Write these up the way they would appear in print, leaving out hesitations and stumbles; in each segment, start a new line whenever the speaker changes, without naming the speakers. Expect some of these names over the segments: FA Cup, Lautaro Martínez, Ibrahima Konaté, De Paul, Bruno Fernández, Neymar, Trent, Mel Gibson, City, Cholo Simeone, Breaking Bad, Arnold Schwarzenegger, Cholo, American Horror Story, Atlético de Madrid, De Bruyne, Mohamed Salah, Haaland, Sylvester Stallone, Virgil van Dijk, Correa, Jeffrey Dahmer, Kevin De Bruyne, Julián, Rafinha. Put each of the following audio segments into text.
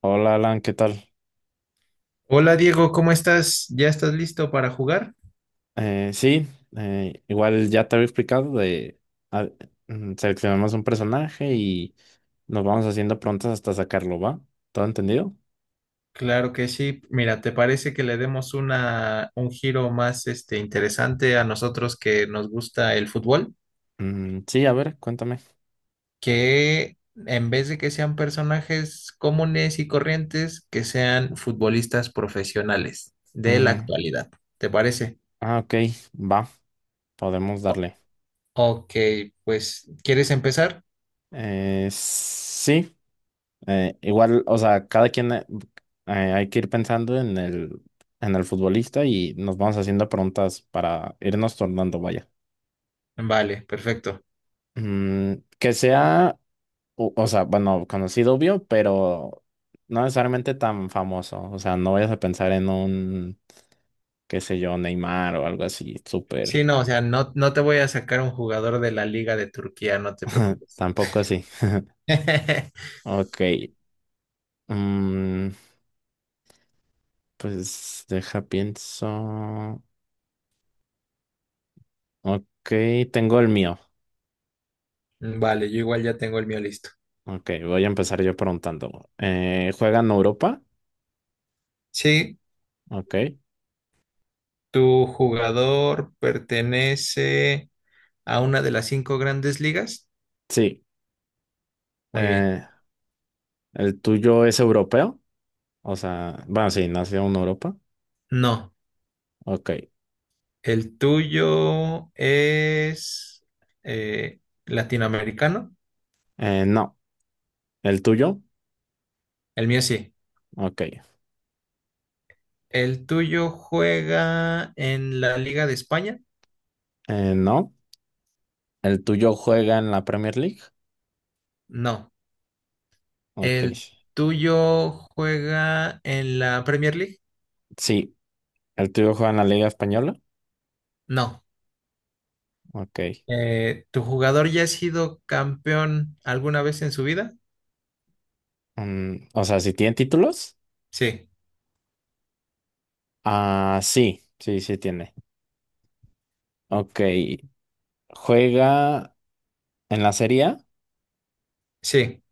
Hola Alan, ¿qué tal?
Hola Diego, ¿cómo estás? ¿Ya estás listo para jugar?
Sí, igual ya te había explicado a- seleccionamos un personaje y nos vamos haciendo prontas hasta sacarlo, ¿va? ¿Todo entendido?
Claro que sí. Mira, ¿te parece que le demos un giro más este, interesante a nosotros que nos gusta el fútbol?
Mm, sí, a ver, cuéntame.
Que en vez de que sean personajes comunes y corrientes, que sean futbolistas profesionales de la
Mm,
actualidad. ¿Te parece?
ah, ok, va, podemos
O-
darle.
ok, pues, ¿quieres empezar?
Sí, igual, o sea, cada quien hay que ir pensando en en el futbolista y nos vamos haciendo preguntas para irnos tornando, vaya.
Vale, perfecto.
Que sea o sea, bueno, conocido obvio, pero no necesariamente tan famoso. O sea, no vayas a pensar en un, qué sé yo, Neymar o algo así,
Sí,
súper.
no, o sea, no te voy a sacar un jugador de la Liga de Turquía, no te preocupes.
Tampoco así. Ok. mm, Pues deja, pienso. Ok, tengo el mío.
Mm, vale, yo igual ya tengo el mío listo.
Ok, voy a empezar yo preguntando. ¿Juega en Europa?
Sí,
Ok.
tu jugador pertenece a una de las cinco grandes ligas.
Sí.
Muy bien.
Eh, ¿El tuyo es europeo? O sea, bueno, sí, nació en Europa.
No,
Ok.
el tuyo es eh, latinoamericano.
No. ¿El tuyo?
El mío sí.
Ok.
¿El tuyo juega en la Liga de España?
No, el tuyo juega en la Premier League.
No.
Ok.
¿El tuyo juega en la Premier League?
Sí, el tuyo juega en la Liga Española.
No.
Ok.
¿Tu jugador ya ha sido campeón alguna vez en su vida?
¿O sea, si tiene títulos?
Sí.
Ah, sí, sí, sí tiene. Ok. ¿Juega en la Serie A?
Sí.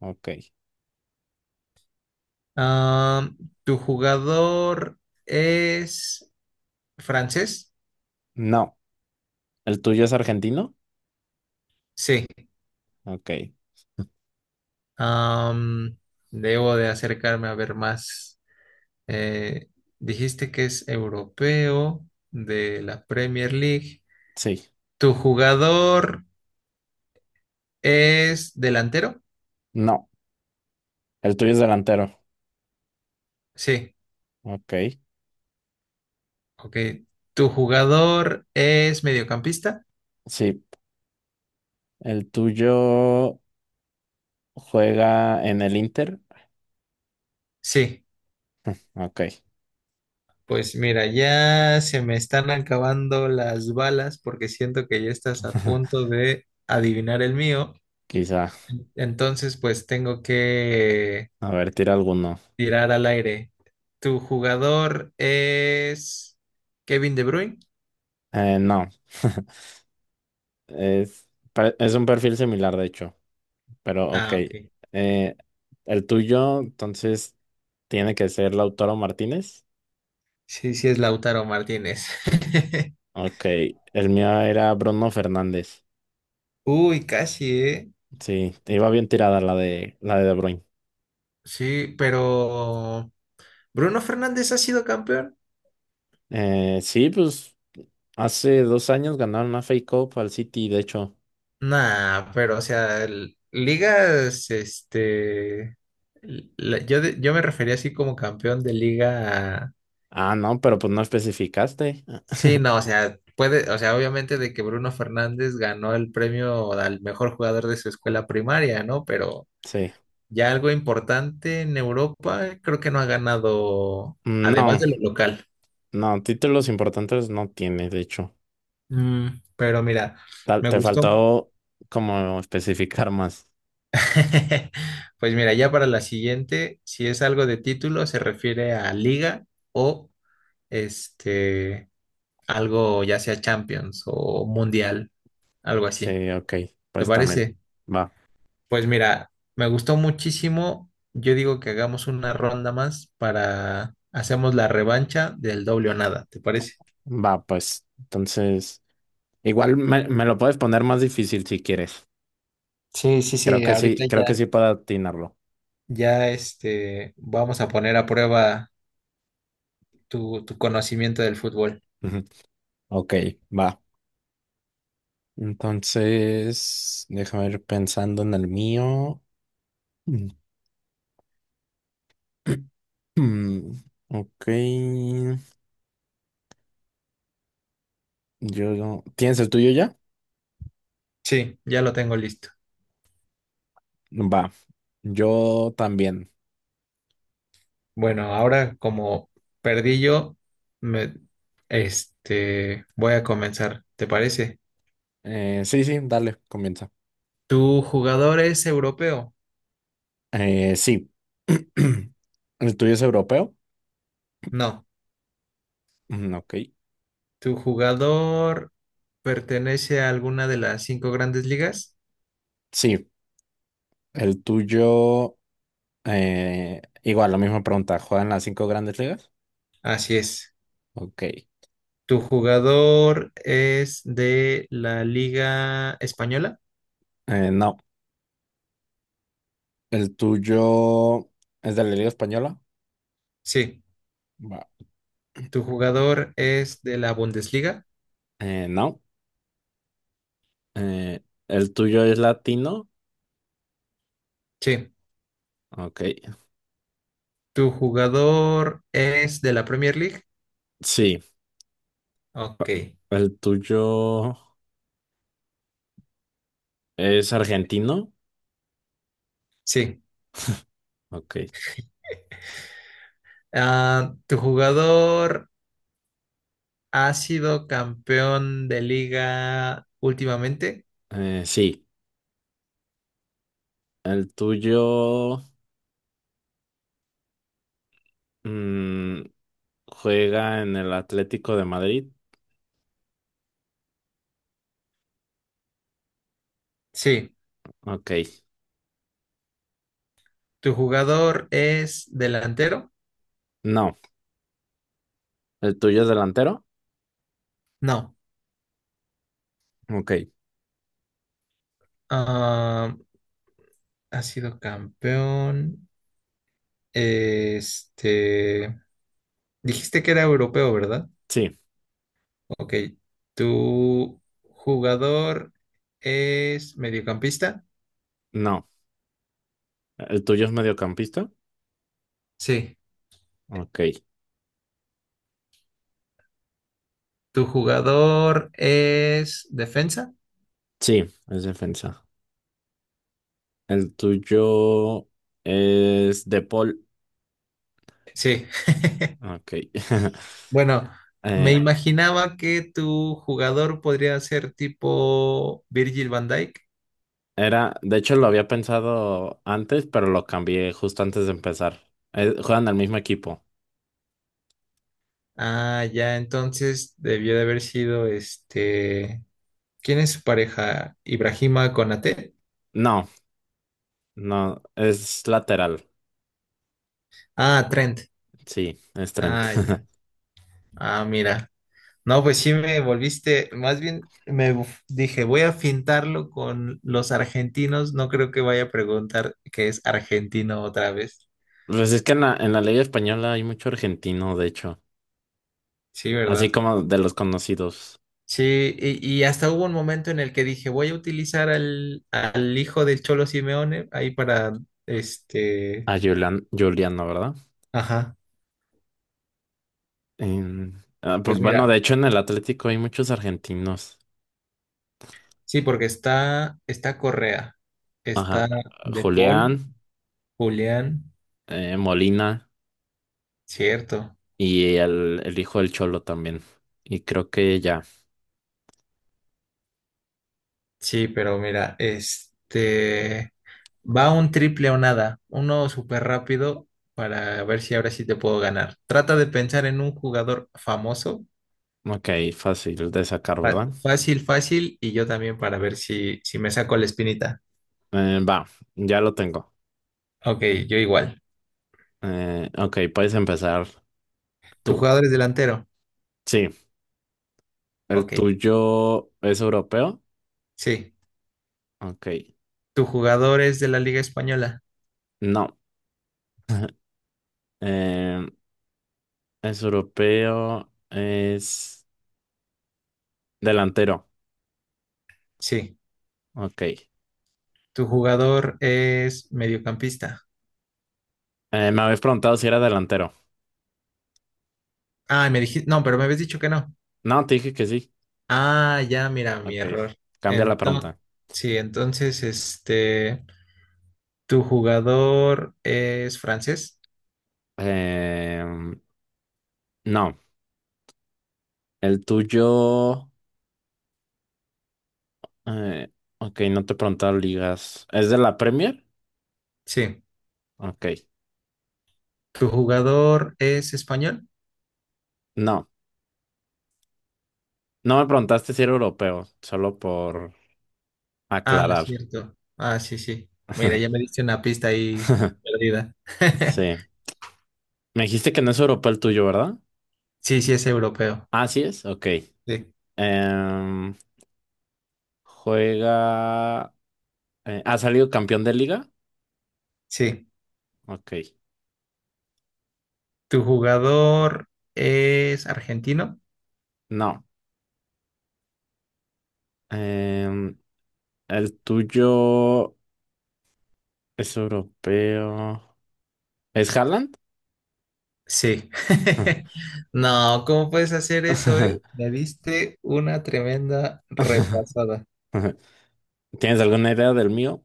Ok.
Ah, ¿tu jugador es francés?
No. ¿El tuyo es argentino?
Sí.
Ok.
Am, Debo de acercarme a ver más. Eh, Dijiste que es europeo de la Premier League.
Sí.
¿Tu jugador es delantero?
No. ¿El tuyo es delantero?
Sí.
Ok.
Ok. ¿Tu jugador es mediocampista?
Sí. ¿El tuyo juega en el Inter?
Sí.
Ok.
Pues mira, ya se me están acabando las balas porque siento que ya estás a punto de adivinar el mío.
Quizá.
Entonces, pues tengo que
A ver, tira alguno.
tirar al aire. ¿Tu jugador es Kevin De Bruyne?
No. Es un perfil similar, de hecho, pero ok.
Ah, ok.
Eh, el tuyo, entonces, tiene que ser Lautaro Martínez.
Sí, sí es Lautaro Martínez.
Ok, el mío era Bruno Fernández.
Uy, casi, ¿eh?
Sí, iba bien tirada la de De Bruyne.
Sí, pero ¿Bruno Fernández ha sido campeón?
Sí, pues hace dos años ganaron una FA Cup al City, de hecho.
Nah, pero o sea, ligas, este, yo, yo me refería así como campeón de liga.
Ah, no, pero pues no especificaste.
Sí, no, o sea, puede, o sea, obviamente de que Bruno Fernández ganó el premio al mejor jugador de su escuela primaria, ¿no? Pero
Sí.
ya algo importante en Europa, creo que no ha ganado, además
No,
de lo local.
no, títulos importantes no tiene, de hecho.
Mm, pero mira, me
Te
gustó.
faltó como especificar más.
Pues mira, ya para la siguiente, si es algo de título, se refiere a liga o este, algo ya sea Champions o Mundial, algo así.
Sí, ok,
¿Te
pues también.
parece?
Va,
Pues mira, me gustó muchísimo. Yo digo que hagamos una ronda más para hacemos la revancha del doble o nada, ¿te parece?
va, pues. Entonces, igual me lo puedes poner más difícil si quieres. Creo
Sí,
que sí,
ahorita
creo que
ya.
sí puedo atinarlo.
Ya este, vamos a poner a prueba tu conocimiento del fútbol.
Ujú. Ok, va. Entonces, déjame ir pensando en el mío. Mm, Mm, Ok, yo... no- ¿Tienes el tuyo ya?
Sí, ya lo tengo listo.
Va, yo también.
Bueno, ahora como perdí yo, me, este, voy a comenzar, ¿te parece?
Sí, sí, dale, comienza.
¿Tu jugador es europeo?
Sí. ¿El tuyo es europeo?
No.
Mm, Ok,
¿Tu jugador pertenece a alguna de las cinco grandes ligas?
sí. El tuyo, igual, la misma pregunta. ¿Juegan las cinco grandes ligas?
Así es.
Ok.
¿Tu jugador es de la Liga Española?
No. ¿El tuyo es de la Liga Española?
Sí.
Va.
¿Tu jugador es de la Bundesliga?
No. Eh, ¿El tuyo es latino?
Sí.
Ok.
¿Tu jugador es de la Premier League?
Sí.
Ok.
¿El tuyo es argentino?
Sí.
Ok.
Ah, ¿tu jugador ha sido campeón de liga últimamente?
Sí. ¿El tuyo mm, juega en el Atlético de Madrid?
Sí.
Ok.
¿Tu jugador es delantero?
No. ¿El tuyo es delantero?
No.
Ok.
Ah, ha sido campeón. Este. Dijiste que era europeo, ¿verdad?
Sí.
Ok. ¿Tu jugador es mediocampista?
No. ¿El tuyo es mediocampista?
Sí.
Ok.
¿Tu jugador es defensa?
Sí, es defensa. El tuyo es de Paul.
Sí.
Ok.
Bueno, me
Eh,
imaginaba que tu jugador podría ser tipo Virgil van Dijk.
Era, de hecho lo había pensado antes, pero lo cambié justo antes de empezar. Juegan al mismo equipo.
Ah, ya, entonces debió de haber sido este. ¿Quién es su pareja? ¿Ibrahima Konaté?
No, no, es lateral.
Ah, Trent.
Sí, es Trent.
Ah, ya. Ah, mira. No, pues sí me volviste. Más bien me dije, voy a fintarlo con los argentinos. No creo que vaya a preguntar que es argentino otra vez.
Pues es que en la Liga Española hay mucho argentino, de hecho.
Sí,
Así
¿verdad?
como de los conocidos.
Sí, y hasta hubo un momento en el que dije, voy a utilizar al hijo del Cholo Simeone ahí para este.
A Julián, Juliano, ¿verdad?
Ajá.
Ah, pues,
Pues
bueno,
mira.
de hecho en el Atlético hay muchos argentinos.
Sí, está Correa,
Ajá.
está De Paul,
Julián,
Julián,
Molina
cierto.
y el hijo del Cholo también. Y creo que ya.
Sí, pero mira, este va un triple o nada, uno súper rápido para ver si ahora sí te puedo ganar. Trata de pensar en un jugador famoso,
Ok, fácil de sacar, ¿verdad?
fácil, fácil, y yo también para ver si me saco la espinita.
Va, ya lo tengo.
Ok, yo igual.
Ok, puedes empezar
¿Tu
tú.
jugador es delantero?
Sí, el
Ok,
tuyo es europeo.
sí.
Ok,
¿Tu jugador es de la Liga Española?
no. Eh, es europeo, es delantero.
Sí.
Ok.
Tu jugador es mediocampista.
Me habéis preguntado si era delantero.
Ah, me dijiste, no, pero me habías dicho que no.
No, te dije que sí.
Ah, ya, mira, mi
Ok,
error.
cambia la pregunta.
Entonces, sí, entonces, este, tu jugador es francés.
Em, no, el tuyo... eh, ok, no te he preguntado ligas. ¿Es de la Premier?
Sí.
Ok,
¿Tu jugador es español?
no. No me preguntaste si era europeo, solo por
Ah,
aclarar.
cierto. Ah, sí, sí. Mira, ya me diste una pista ahí perdida.
Sí. Me dijiste que no es europeo el tuyo, ¿verdad?
Sí, sí, es europeo.
Ah, sí es. Ok.
Sí.
Em, juega... ¿Ha salido campeón de liga?
Sí.
Ok.
¿Tu jugador es argentino?
No. Em, el tuyo... Es europeo. ¿Es Haaland?
Sí. No, ¿cómo puedes hacer eso, eh? Me diste una tremenda repasada.
¿Tienes alguna idea del mío?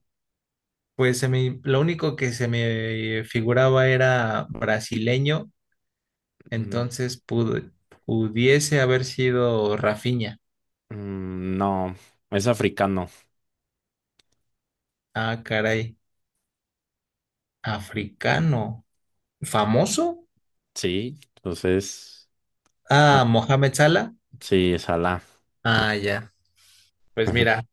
Pues lo único que se me figuraba era brasileño,
Mm,
entonces pudiese haber sido Rafinha.
mm, No, es africano.
Ah, caray, africano. ¿Famoso?
Sí, entonces.
Ah,
Ah,
Mohamed Salah.
sí, es Alá.
Ah, ya. Pues mira,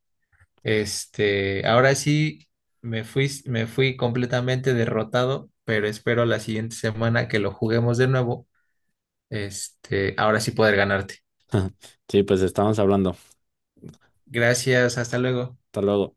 este, ahora sí me fui completamente derrotado, pero espero la siguiente semana que lo juguemos de nuevo. Este, ahora sí poder ganarte.
Sí, pues estamos hablando.
Gracias, hasta luego.
Hasta luego.